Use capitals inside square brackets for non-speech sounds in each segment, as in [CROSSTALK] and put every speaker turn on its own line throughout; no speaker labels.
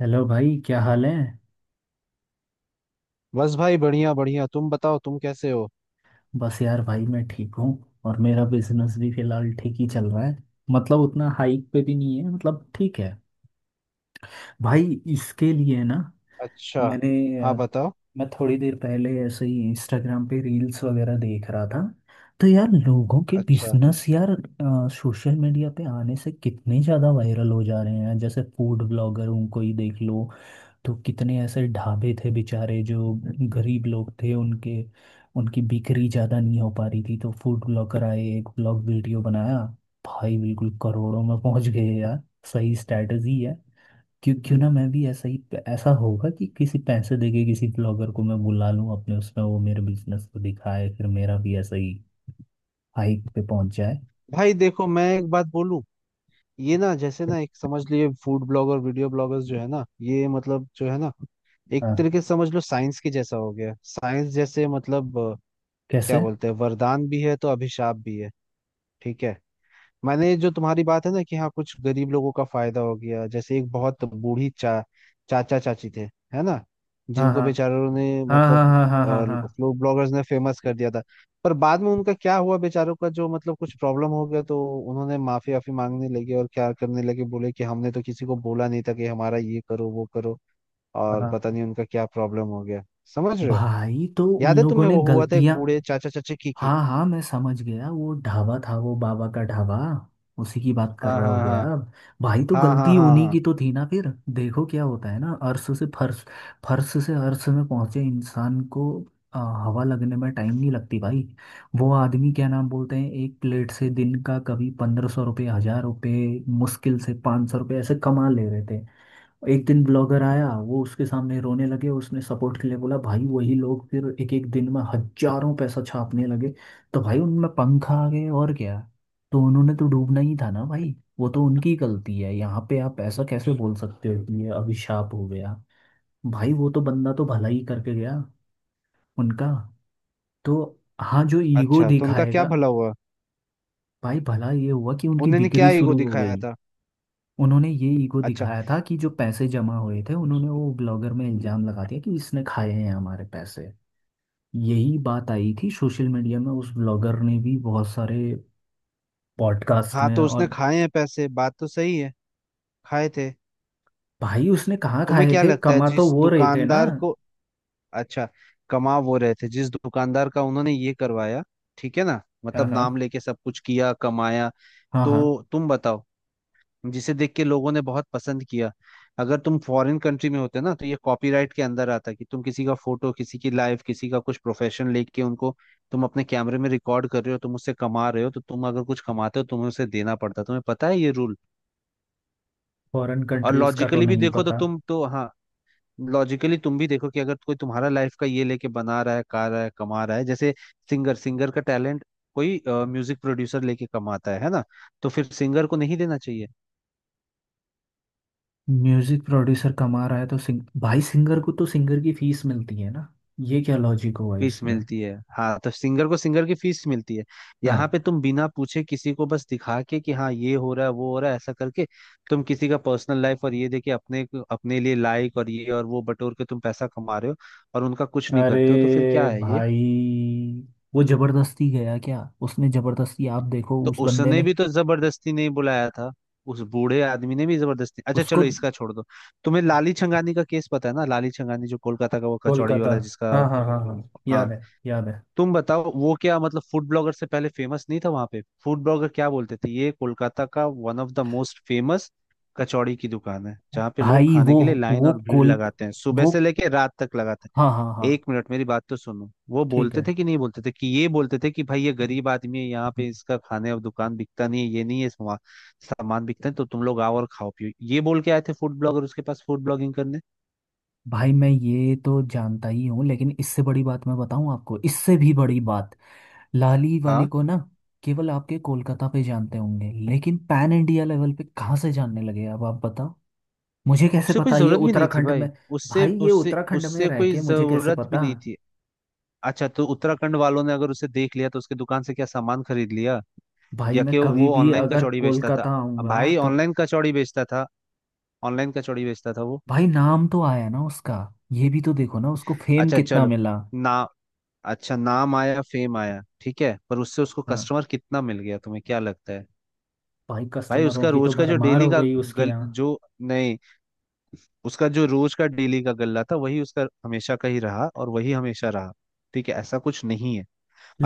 Hello भाई, क्या हाल है।
बस भाई, बढ़िया बढ़िया। तुम बताओ, तुम कैसे हो?
बस यार भाई मैं ठीक हूँ। और मेरा बिजनेस भी फिलहाल ठीक ही चल रहा है। मतलब उतना हाइक पे भी नहीं है, मतलब ठीक है भाई। इसके लिए ना
अच्छा।
मैंने
हाँ, बताओ।
मैं थोड़ी देर पहले ऐसे ही इंस्टाग्राम पे रील्स वगैरह देख रहा था। तो यार लोगों के
अच्छा।
बिजनेस यार सोशल मीडिया पे आने से कितने ज़्यादा वायरल हो जा रहे हैं, जैसे फूड ब्लॉगर उनको ही देख लो। तो कितने ऐसे ढाबे थे बेचारे जो गरीब लोग थे, उनके उनकी बिक्री ज़्यादा नहीं हो पा रही थी, तो फूड ब्लॉगर आए, एक ब्लॉग वीडियो बनाया, भाई बिल्कुल करोड़ों में पहुंच गए यार। सही स्ट्रैटेजी है। क्यों क्यों ना मैं भी ऐसा ही, ऐसा होगा कि किसी पैसे देके किसी ब्लॉगर को मैं बुला लूं, अपने उसमें वो मेरे बिजनेस को दिखाए, फिर मेरा भी ऐसा ही हाइक पे पहुंच जाए।
भाई देखो, मैं एक बात बोलूं। ये ना, जैसे ना, एक समझ लिए फूड ब्लॉगर, वीडियो ब्लॉगर्स जो है ना, ये मतलब जो है ना, एक
हाँ।
तरीके से समझ लो, साइंस के जैसा हो गया। साइंस जैसे मतलब क्या
कैसे?
बोलते हैं, वरदान भी है तो अभिशाप भी है। ठीक है। मैंने जो तुम्हारी बात है ना, कि हाँ कुछ गरीब लोगों का फायदा हो गया, जैसे एक बहुत बूढ़ी चा चाचा चाची थे, है ना, जिनको बेचारों ने,
हाँ
मतलब,
हाँ हाँ हाँ हाँ हाँ।
फ्लूड ब्लॉगर्स ने फेमस कर दिया था। पर बाद में उनका क्या हुआ बेचारों का, जो मतलब कुछ प्रॉब्लम हो गया तो उन्होंने माफी वाफी मांगने लगे और क्या करने लगे, बोले कि हमने तो किसी को बोला नहीं था कि हमारा ये करो वो करो।
हाँ
और
हाँ।
पता नहीं उनका क्या प्रॉब्लम हो गया। समझ रहे हो?
भाई तो उन
याद है
लोगों
तुम्हें?
ने
वो हुआ था एक
गलतियां।
बूढ़े चाचा चाची की।
हाँ हाँ, मैं समझ गया, वो ढाबा था, वो बाबा का ढाबा। उसी की बात कर
हाँ,
रहे हो
हाँ,
गया
हाँ,
आप? भाई तो
हाँ, हाँ,
गलती
हाँ,
उन्हीं
हाँ।
की तो थी ना फिर। देखो क्या होता है ना, अर्श से फर्श, फर्श से अर्श में पहुंचे इंसान को आ, हवा लगने में टाइम नहीं लगती भाई। वो आदमी क्या नाम बोलते हैं, एक प्लेट से दिन का कभी 1500 रुपये, 1000 रुपये, मुश्किल से 500 रुपये ऐसे कमा ले रहे थे। एक दिन ब्लॉगर आया, वो उसके सामने रोने लगे, उसने सपोर्ट के लिए बोला, भाई वही लोग फिर एक एक दिन में हजारों पैसा छापने लगे। तो भाई उनमें पंख आ गए और क्या। तो उन्होंने तो डूबना ही था ना भाई। वो तो उनकी गलती है, यहाँ पे आप ऐसा कैसे बोल सकते हो कि ये अभिशाप हो गया। भाई वो तो बंदा तो भला ही करके गया उनका। तो हाँ, जो ईगो
अच्छा, तो उनका क्या
दिखाएगा।
भला हुआ?
भाई भला ये हुआ कि उनकी
उन्होंने क्या
बिक्री
ईगो
शुरू हो
दिखाया
गई।
था?
उन्होंने ये ईगो
अच्छा।
दिखाया था कि जो पैसे जमा हुए थे, उन्होंने वो ब्लॉगर में इल्जाम लगा दिया कि इसने खाए हैं हमारे पैसे। यही बात आई थी सोशल मीडिया में, उस ब्लॉगर ने भी बहुत सारे पॉडकास्ट
हाँ,
में
तो उसने
और।
खाए हैं पैसे, बात तो सही है। खाए थे।
भाई उसने कहाँ
तुम्हें
खाए
क्या
थे,
लगता है,
कमा तो
जिस
वो रहे थे ना।
दुकानदार को, अच्छा, कमा वो रहे थे जिस दुकानदार का उन्होंने ये करवाया। ठीक है ना,
हाँ
मतलब
हाँ
नाम लेके सब कुछ किया कमाया।
हाँ
तो,
हाँ।
तुम बताओ, जिसे देख के लोगों ने बहुत पसंद किया। अगर तुम फॉरेन कंट्री में होते ना, तो ये कॉपीराइट के अंदर आता कि तुम किसी का फोटो, किसी की लाइफ, किसी का कुछ प्रोफेशन लेके उनको, तुम अपने कैमरे में रिकॉर्ड कर रहे हो, तुम उससे कमा रहे हो, तो तुम अगर कुछ कमाते हो, तुम्हें उसे देना पड़ता है। तुम्हें पता है ये रूल?
फॉरेन
और
कंट्रीज का तो
लॉजिकली भी
नहीं
देखो तो
पता।
तुम तो, हाँ, लॉजिकली तुम भी देखो, कि अगर कोई तुम्हारा लाइफ का ये लेके बना रहा है, गा रहा है, कमा रहा है, जैसे सिंगर, सिंगर का टैलेंट कोई म्यूजिक प्रोड्यूसर लेके कमाता है ना, तो फिर सिंगर को नहीं देना चाहिए?
म्यूजिक प्रोड्यूसर कमा रहा है तो सिंग भाई सिंगर को तो सिंगर की फीस मिलती है ना, ये क्या लॉजिक हुआ
फीस
इसमें।
मिलती है, हाँ, तो सिंगर को सिंगर की फीस मिलती है। यहाँ
हाँ।
पे तुम बिना पूछे किसी को बस दिखा के कि हाँ ये हो रहा है, वो हो रहा है, ऐसा करके तुम किसी का पर्सनल लाइफ और ये देके, अपने अपने लिए लाइक और ये और वो बटोर के तुम पैसा कमा रहे हो, और उनका कुछ नहीं
अरे
करते हो, तो फिर क्या है ये?
भाई वो जबरदस्ती गया क्या, उसने जबरदस्ती, आप देखो
तो
उस बंदे
उसने
ने,
भी तो जबरदस्ती नहीं बुलाया था। उस बूढ़े आदमी ने भी जबरदस्ती, अच्छा
उसको।
चलो इसका छोड़ दो। तुम्हें लाली छंगानी का केस पता है ना, लाली छंगानी जो कोलकाता का वो कचौड़ी
कोलकाता?
वाला जिसका,
हाँ हाँ हाँ हाँ,
हाँ,
याद है याद है।
तुम बताओ वो क्या मतलब फूड ब्लॉगर से पहले फेमस नहीं था वहां पे? फूड ब्लॉगर क्या बोलते थे, ये कोलकाता का one of the most famous कचौड़ी की दुकान है, जहाँ पे लोग
भाई
खाने
वो
के लिए लाइन
वो
और भीड़
कोल
लगाते हैं, सुबह
वो।
से लेके रात तक लगाते
हाँ
हैं।
हाँ हाँ।
एक मिनट, मेरी बात तो सुनो। वो
ठीक
बोलते
है।
थे कि नहीं, बोलते थे कि ये बोलते थे कि भाई ये गरीब आदमी है, यहाँ पे इसका खाने और दुकान बिकता नहीं है, ये नहीं है सामान, सामान बिकता है, तो तुम लोग आओ और खाओ पियो, ये बोल के आए थे फूड ब्लॉगर उसके पास फूड ब्लॉगिंग करने।
भाई मैं ये तो जानता ही हूँ, लेकिन इससे बड़ी बात मैं बताऊँ आपको, इससे भी बड़ी बात, लाली वाले
हाँ,
को ना केवल आपके कोलकाता पे जानते होंगे, लेकिन पैन इंडिया लेवल पे कहाँ से जानने लगे, अब आप बताओ। मुझे कैसे
उसे कोई
पता ये
जरूरत भी नहीं थी
उत्तराखंड
भाई।
में।
उससे
भाई ये
उससे
उत्तराखंड में
उससे
रह
कोई
के मुझे कैसे
जरूरत भी
पता।
नहीं थी। अच्छा, तो उत्तराखंड वालों ने अगर उसे देख लिया, तो उसके दुकान से क्या सामान खरीद लिया?
भाई
या
मैं
कि
कभी
वो
भी
ऑनलाइन
अगर
कचौड़ी बेचता था?
कोलकाता आऊंगा
भाई
तो।
ऑनलाइन कचौड़ी बेचता था? ऑनलाइन कचौड़ी बेचता था वो?
भाई नाम तो आया ना उसका, ये भी तो देखो ना उसको फेम
अच्छा
कितना
चलो।
मिला।
ना, अच्छा नाम आया, फेम आया, ठीक है, पर उससे उसको
हाँ।
कस्टमर कितना मिल गया, तुम्हें क्या लगता है?
भाई
भाई
कस्टमरों
उसका
की तो
रोज का, जो
भरमार
डेली
हो
का,
गई उसके
गल
यहाँ।
जो, नहीं, उसका जो रोज का डेली का गल्ला था वही उसका हमेशा का ही रहा और वही हमेशा रहा। ठीक है, ऐसा कुछ नहीं है।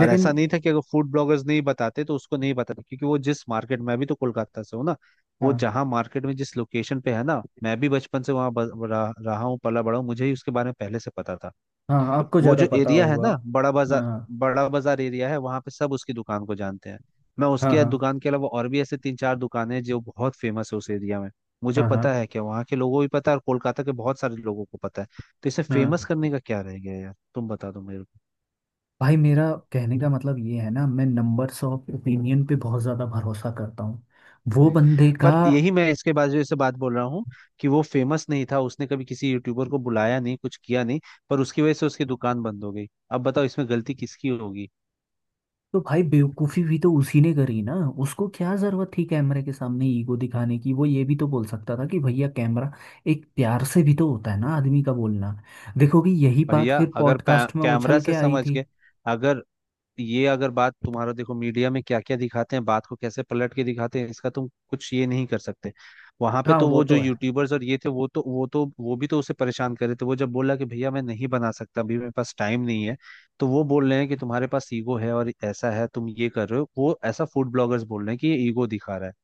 और ऐसा नहीं था कि अगर फूड ब्लॉगर्स नहीं बताते तो उसको नहीं बताते, क्योंकि वो जिस मार्केट में, अभी तो कोलकाता से हूँ ना, वो
हाँ
जहाँ मार्केट में जिस लोकेशन पे है ना, मैं भी बचपन से वहाँ रहा रहा हूँ, पला बड़ा हूँ, मुझे ही उसके बारे में पहले से पता था।
हाँ, आपको
वो
ज़्यादा
जो
पता
एरिया है
होगा।
ना, बड़ा बाजार,
हाँ
बड़ा बाजार एरिया है, वहाँ पे सब उसकी दुकान को जानते हैं। मैं
हाँ।
उसके
हाँ
दुकान के अलावा और भी ऐसे तीन चार दुकानें हैं जो बहुत फेमस है उस एरिया में। मुझे
हाँ हाँ
पता है कि वहाँ के लोगों को भी पता है, और कोलकाता के बहुत सारे लोगों को पता है। तो इसे फेमस
हाँ।
करने का क्या रह गया यार, तुम बता दो मेरे को।
भाई मेरा कहने का मतलब ये है ना, मैं नंबर्स ऑफ ओपिनियन पे बहुत ज़्यादा भरोसा करता हूँ वो
जी।
बंदे का।
पर यही मैं इसके बाद जो इससे बात बोल रहा हूँ, कि वो फेमस नहीं था, उसने कभी किसी यूट्यूबर को बुलाया नहीं, कुछ किया नहीं, पर उसकी वजह से उसकी दुकान बंद हो गई। अब बताओ, इसमें गलती किसकी होगी?
तो भाई बेवकूफी भी तो उसी ने करी ना। उसको क्या जरूरत थी कैमरे के सामने ईगो दिखाने की। वो ये भी तो बोल सकता था कि भैया कैमरा, एक प्यार से भी तो होता है ना आदमी का बोलना। देखो कि यही बात
भैया
फिर
अगर
पॉडकास्ट में
कैमरा
उछल के
से
आई
समझ
थी।
गए, अगर, ये अगर बात तुम्हारा, देखो मीडिया में क्या क्या दिखाते हैं, बात को कैसे पलट के दिखाते हैं, इसका तुम कुछ ये नहीं कर सकते। वहां पे
हाँ
तो
वो
वो जो
तो है।
यूट्यूबर्स और ये थे, वो तो वो भी तो उसे परेशान कर रहे थे। वो जब बोला कि भैया मैं नहीं बना सकता, अभी मेरे पास टाइम नहीं है, तो वो बोल रहे हैं कि तुम्हारे पास ईगो है और ऐसा है, तुम ये कर रहे हो वो ऐसा, फूड ब्लॉगर्स बोल रहे हैं कि ये ईगो दिखा रहा है।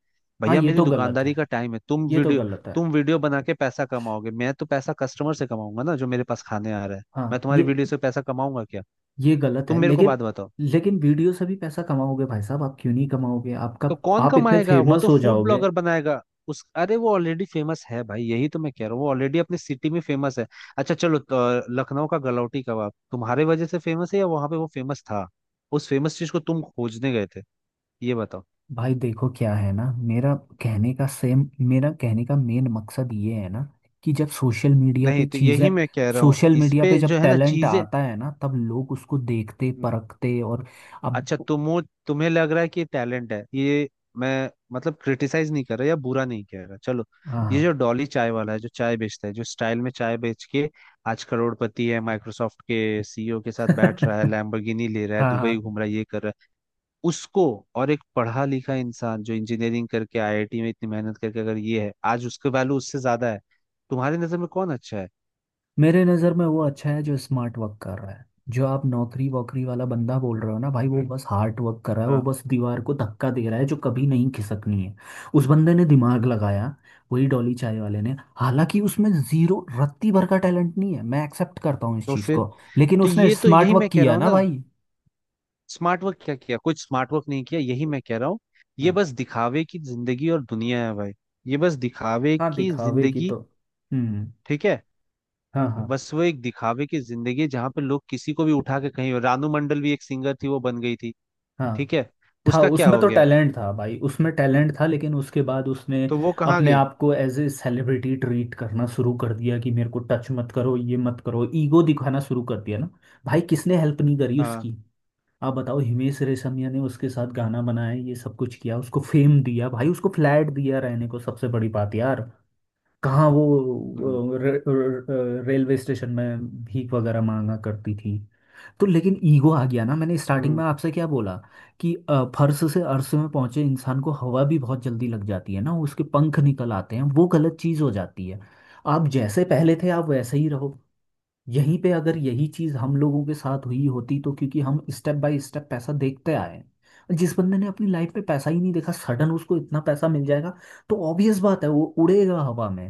हाँ
भैया
ये
मेरी
तो गलत है,
दुकानदारी का टाइम है, तुम
ये तो
वीडियो
गलत है।
तुम वीडियो बना के पैसा कमाओगे, मैं तो पैसा कस्टमर से कमाऊंगा ना, जो मेरे पास खाने आ रहा है। मैं
हाँ ये
तुम्हारी वीडियो से पैसा कमाऊंगा क्या?
ये गलत
तुम
है,
मेरे को
लेकिन।
बात बताओ।
लेकिन वीडियो से भी पैसा कमाओगे भाई साहब, आप क्यों नहीं कमाओगे आपका,
तो कौन
आप इतने
कमाएगा, वो
फेमस
तो
हो
फूड
जाओगे।
ब्लॉगर बनाएगा। उस अरे, वो ऑलरेडी फेमस है भाई, यही तो मैं कह रहा हूँ, वो ऑलरेडी अपने सिटी में फेमस है। अच्छा चलो तो, लखनऊ का गलौटी कबाब तुम्हारे वजह से फेमस है या वहां पे वो फेमस था? उस फेमस चीज को तुम खोजने गए थे? ये बताओ।
भाई देखो क्या है ना, मेरा कहने का मेन मकसद ये है ना कि जब सोशल मीडिया पे
नहीं, तो
चीज़ें,
यही मैं कह रहा हूँ,
सोशल
इस
मीडिया पे
पे जो
जब
है ना
टैलेंट
चीजें।
आता है ना, तब लोग उसको देखते परखते और अब।
अच्छा, तुम्हें लग रहा है कि टैलेंट है ये? मैं मतलब क्रिटिसाइज नहीं कर रहा या बुरा नहीं कह रहा, चलो।
हाँ।
ये जो डॉली चाय वाला है, जो चाय बेचता है, जो स्टाइल में चाय बेच के आज करोड़पति है, माइक्रोसॉफ्ट के सीईओ के साथ
[LAUGHS]
बैठ रहा है, लैम्बोर्गिनी ले रहा है,
हाँ हाँ।
दुबई घूम रहा है, ये कर रहा है उसको, और एक पढ़ा लिखा इंसान जो इंजीनियरिंग करके आईआईटी में इतनी मेहनत करके, अगर ये है आज, उसके वैल्यू उससे ज्यादा है। तुम्हारी नजर में कौन अच्छा है?
मेरे नज़र में वो अच्छा है जो स्मार्ट वर्क कर रहा है। जो आप नौकरी वोकरी वाला बंदा बोल रहे हो ना भाई, वो बस हार्ड वर्क कर रहा है, वो
हाँ।
बस दीवार को धक्का दे रहा है जो कभी नहीं खिसकनी है। उस बंदे ने दिमाग लगाया, वही डॉली चाय वाले ने, हालांकि उसमें जीरो रत्ती भर का टैलेंट नहीं है, मैं एक्सेप्ट करता हूँ इस
तो
चीज़
फिर,
को, लेकिन
तो
उसने
ये तो
स्मार्ट
यही मैं
वर्क
कह रहा
किया
हूँ
ना
ना,
भाई।
स्मार्ट वर्क क्या किया, कुछ स्मार्ट वर्क नहीं किया, यही मैं कह रहा हूँ। ये
हाँ।
बस दिखावे की जिंदगी और दुनिया है भाई। ये बस दिखावे
हाँ
की
दिखावे की
जिंदगी।
तो। हम्म।
ठीक है।
हाँ हाँ।
बस वो एक दिखावे की जिंदगी है, जहाँ पे लोग किसी को भी उठा के कहीं, रानू मंडल भी एक सिंगर थी वो बन गई थी।
हाँ
ठीक है।
था,
उसका क्या
उसमें
हो
तो
गया?
टैलेंट था भाई, उसमें टैलेंट था, लेकिन उसके बाद उसने
तो वो कहाँ
अपने
गई?
आप को एज ए सेलिब्रिटी ट्रीट करना शुरू कर दिया कि मेरे को टच मत करो, ये मत करो, ईगो दिखाना शुरू कर दिया ना। भाई किसने हेल्प नहीं करी
हाँ।
उसकी, आप बताओ। हिमेश रेशमिया ने उसके साथ गाना बनाया, ये सब कुछ किया, उसको फेम दिया, भाई उसको फ्लैट दिया रहने को। सबसे बड़ी बात यार, कहाँ
हम्म।
वो रेलवे स्टेशन में भीख वगैरह मांगा करती थी। तो लेकिन ईगो आ गया ना। मैंने स्टार्टिंग
हम्म।
में आपसे क्या बोला कि फर्श से अर्श में पहुंचे इंसान को हवा भी बहुत जल्दी लग जाती है ना, उसके पंख निकल आते हैं, वो गलत चीज हो जाती है। आप जैसे पहले थे आप वैसे ही रहो। यहीं पे अगर यही चीज हम लोगों के साथ हुई होती तो, क्योंकि हम स्टेप बाय स्टेप पैसा देखते आए हैं। जिस बंदे ने अपनी लाइफ में पैसा ही नहीं देखा, सडन उसको इतना पैसा मिल जाएगा, तो ऑब्वियस बात है वो उड़ेगा हवा में।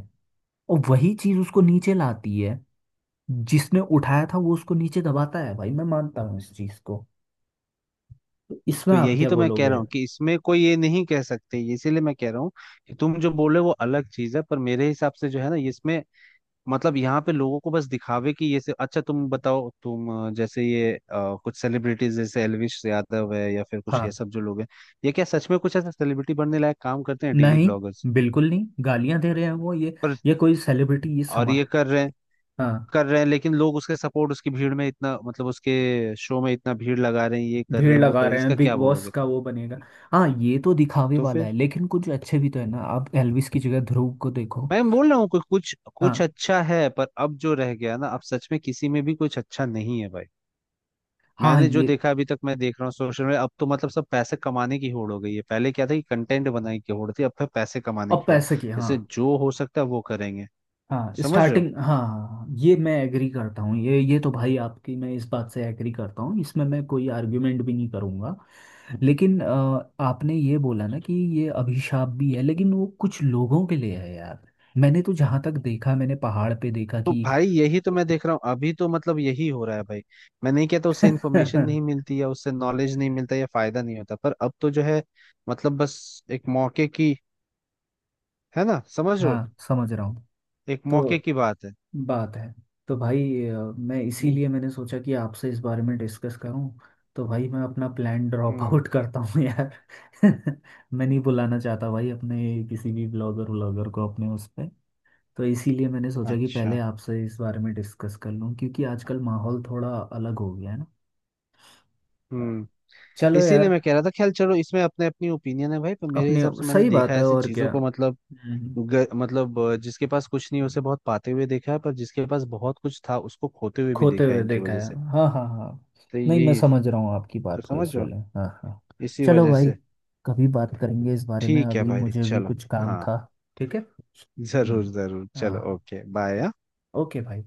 और वही चीज उसको नीचे लाती है, जिसने उठाया था वो उसको नीचे दबाता है। भाई मैं मानता हूँ इस चीज को। तो इसमें
तो
आप
यही
क्या
तो मैं कह
बोलोगे।
रहा हूँ, कि इसमें कोई ये नहीं कह सकते, इसीलिए मैं कह रहा हूँ, कि तुम जो बोले वो अलग चीज है, पर मेरे हिसाब से जो है ना इसमें, मतलब यहाँ पे लोगों को बस दिखावे कि ये से, अच्छा तुम बताओ, तुम जैसे ये कुछ सेलिब्रिटीज जैसे एलविश यादव है या फिर कुछ
हाँ।
ये सब जो लोग हैं, ये क्या सच में कुछ ऐसा सेलिब्रिटी बनने लायक काम करते हैं डेली
नहीं,
ब्लॉगर्स?
बिल्कुल नहीं, गालियां दे रहे हैं वो,
पर,
ये कोई सेलिब्रिटी, ये
और
समा।
ये कर रहे हैं,
हाँ,
कर रहे हैं, लेकिन लोग उसके सपोर्ट, उसकी भीड़ में इतना, मतलब उसके शो में इतना भीड़ लगा रहे हैं, ये कर रहे
भीड़
हैं, वो कर
लगा
रहे हैं,
रहे हैं,
इसका
बिग
क्या
बॉस
बोलोगे
का
तुम?
वो बनेगा। हाँ, ये तो दिखावे
तो
वाला है,
फिर,
लेकिन कुछ अच्छे भी तो है ना, आप एल्विस की जगह ध्रुव को देखो।
मैं बोल रहा हूँ कोई कुछ कुछ
हाँ
अच्छा है, पर अब जो रह गया ना, अब सच में किसी में भी कुछ अच्छा नहीं है भाई।
हाँ
मैंने जो
ये,
देखा अभी तक मैं देख रहा हूँ सोशल मीडिया, अब तो मतलब सब पैसे कमाने की होड़ हो गई है। पहले क्या था कि कंटेंट बनाने की होड़ थी, अब फिर पैसे कमाने
अब
की होड़,
पैसे की, हाँ।
इससे जो हो सकता है वो करेंगे।
हाँ
समझ रहे हो?
स्टार्टिंग, हाँ हाँ, ये मैं एग्री करता हूँ, ये तो भाई आपकी मैं इस बात से एग्री करता हूँ, इसमें मैं कोई आर्ग्यूमेंट भी नहीं करूँगा। लेकिन आपने ये बोला ना कि ये अभिशाप भी है, लेकिन वो कुछ लोगों के लिए है यार। मैंने तो जहाँ तक देखा, मैंने पहाड़ पे देखा
तो
कि
भाई यही तो मैं देख रहा हूँ, अभी तो मतलब यही हो रहा है भाई। मैं नहीं कहता उससे इन्फॉर्मेशन
[LAUGHS]
नहीं मिलती या उससे नॉलेज नहीं मिलता या फायदा नहीं होता, पर अब तो जो है, मतलब बस एक मौके की, है ना, समझ रहे हो?
हाँ समझ रहा हूँ।
एक मौके
तो
की बात है।
बात है। तो भाई, मैं इसीलिए मैंने सोचा कि आपसे इस बारे में डिस्कस करूं। तो भाई मैं अपना प्लान ड्रॉप
हम्म।
आउट करता हूँ यार। [LAUGHS] मैं नहीं बुलाना चाहता भाई अपने किसी भी ब्लॉगर व्लॉगर को अपने उस पे। तो इसीलिए मैंने सोचा कि पहले
अच्छा।
आपसे इस बारे में डिस्कस कर लूं, क्योंकि आजकल माहौल थोड़ा अलग हो गया है ना।
हम्म।
चलो
इसीलिए
यार।
मैं कह रहा था, खैर चलो, इसमें अपने अपनी ओपिनियन है भाई, पर मेरे
अपने
हिसाब से मैंने
सही
देखा
बात
है
है,
ऐसी
और क्या।
चीजों को, मतलब
हम्म।
मतलब जिसके पास कुछ नहीं है, उसे बहुत पाते हुए देखा है, पर जिसके पास बहुत कुछ था उसको खोते हुए भी
खोते
देखा है
हुए
इनकी
देखा
वजह
है।
से।
हाँ हाँ हाँ।
तो
नहीं, मैं
यही
समझ रहा हूँ आपकी
तो,
बात को
समझ
इस
रहे हो?
वाले, हाँ हाँ।
इसी
चलो
वजह
भाई,
से।
कभी बात करेंगे इस बारे में,
ठीक है
अभी
भाई,
मुझे भी
चलो।
कुछ काम
हाँ।
था। ठीक है।
जरूर
हम्म।
जरूर, चलो,
हाँ,
ओके, बाय।
ओके भाई।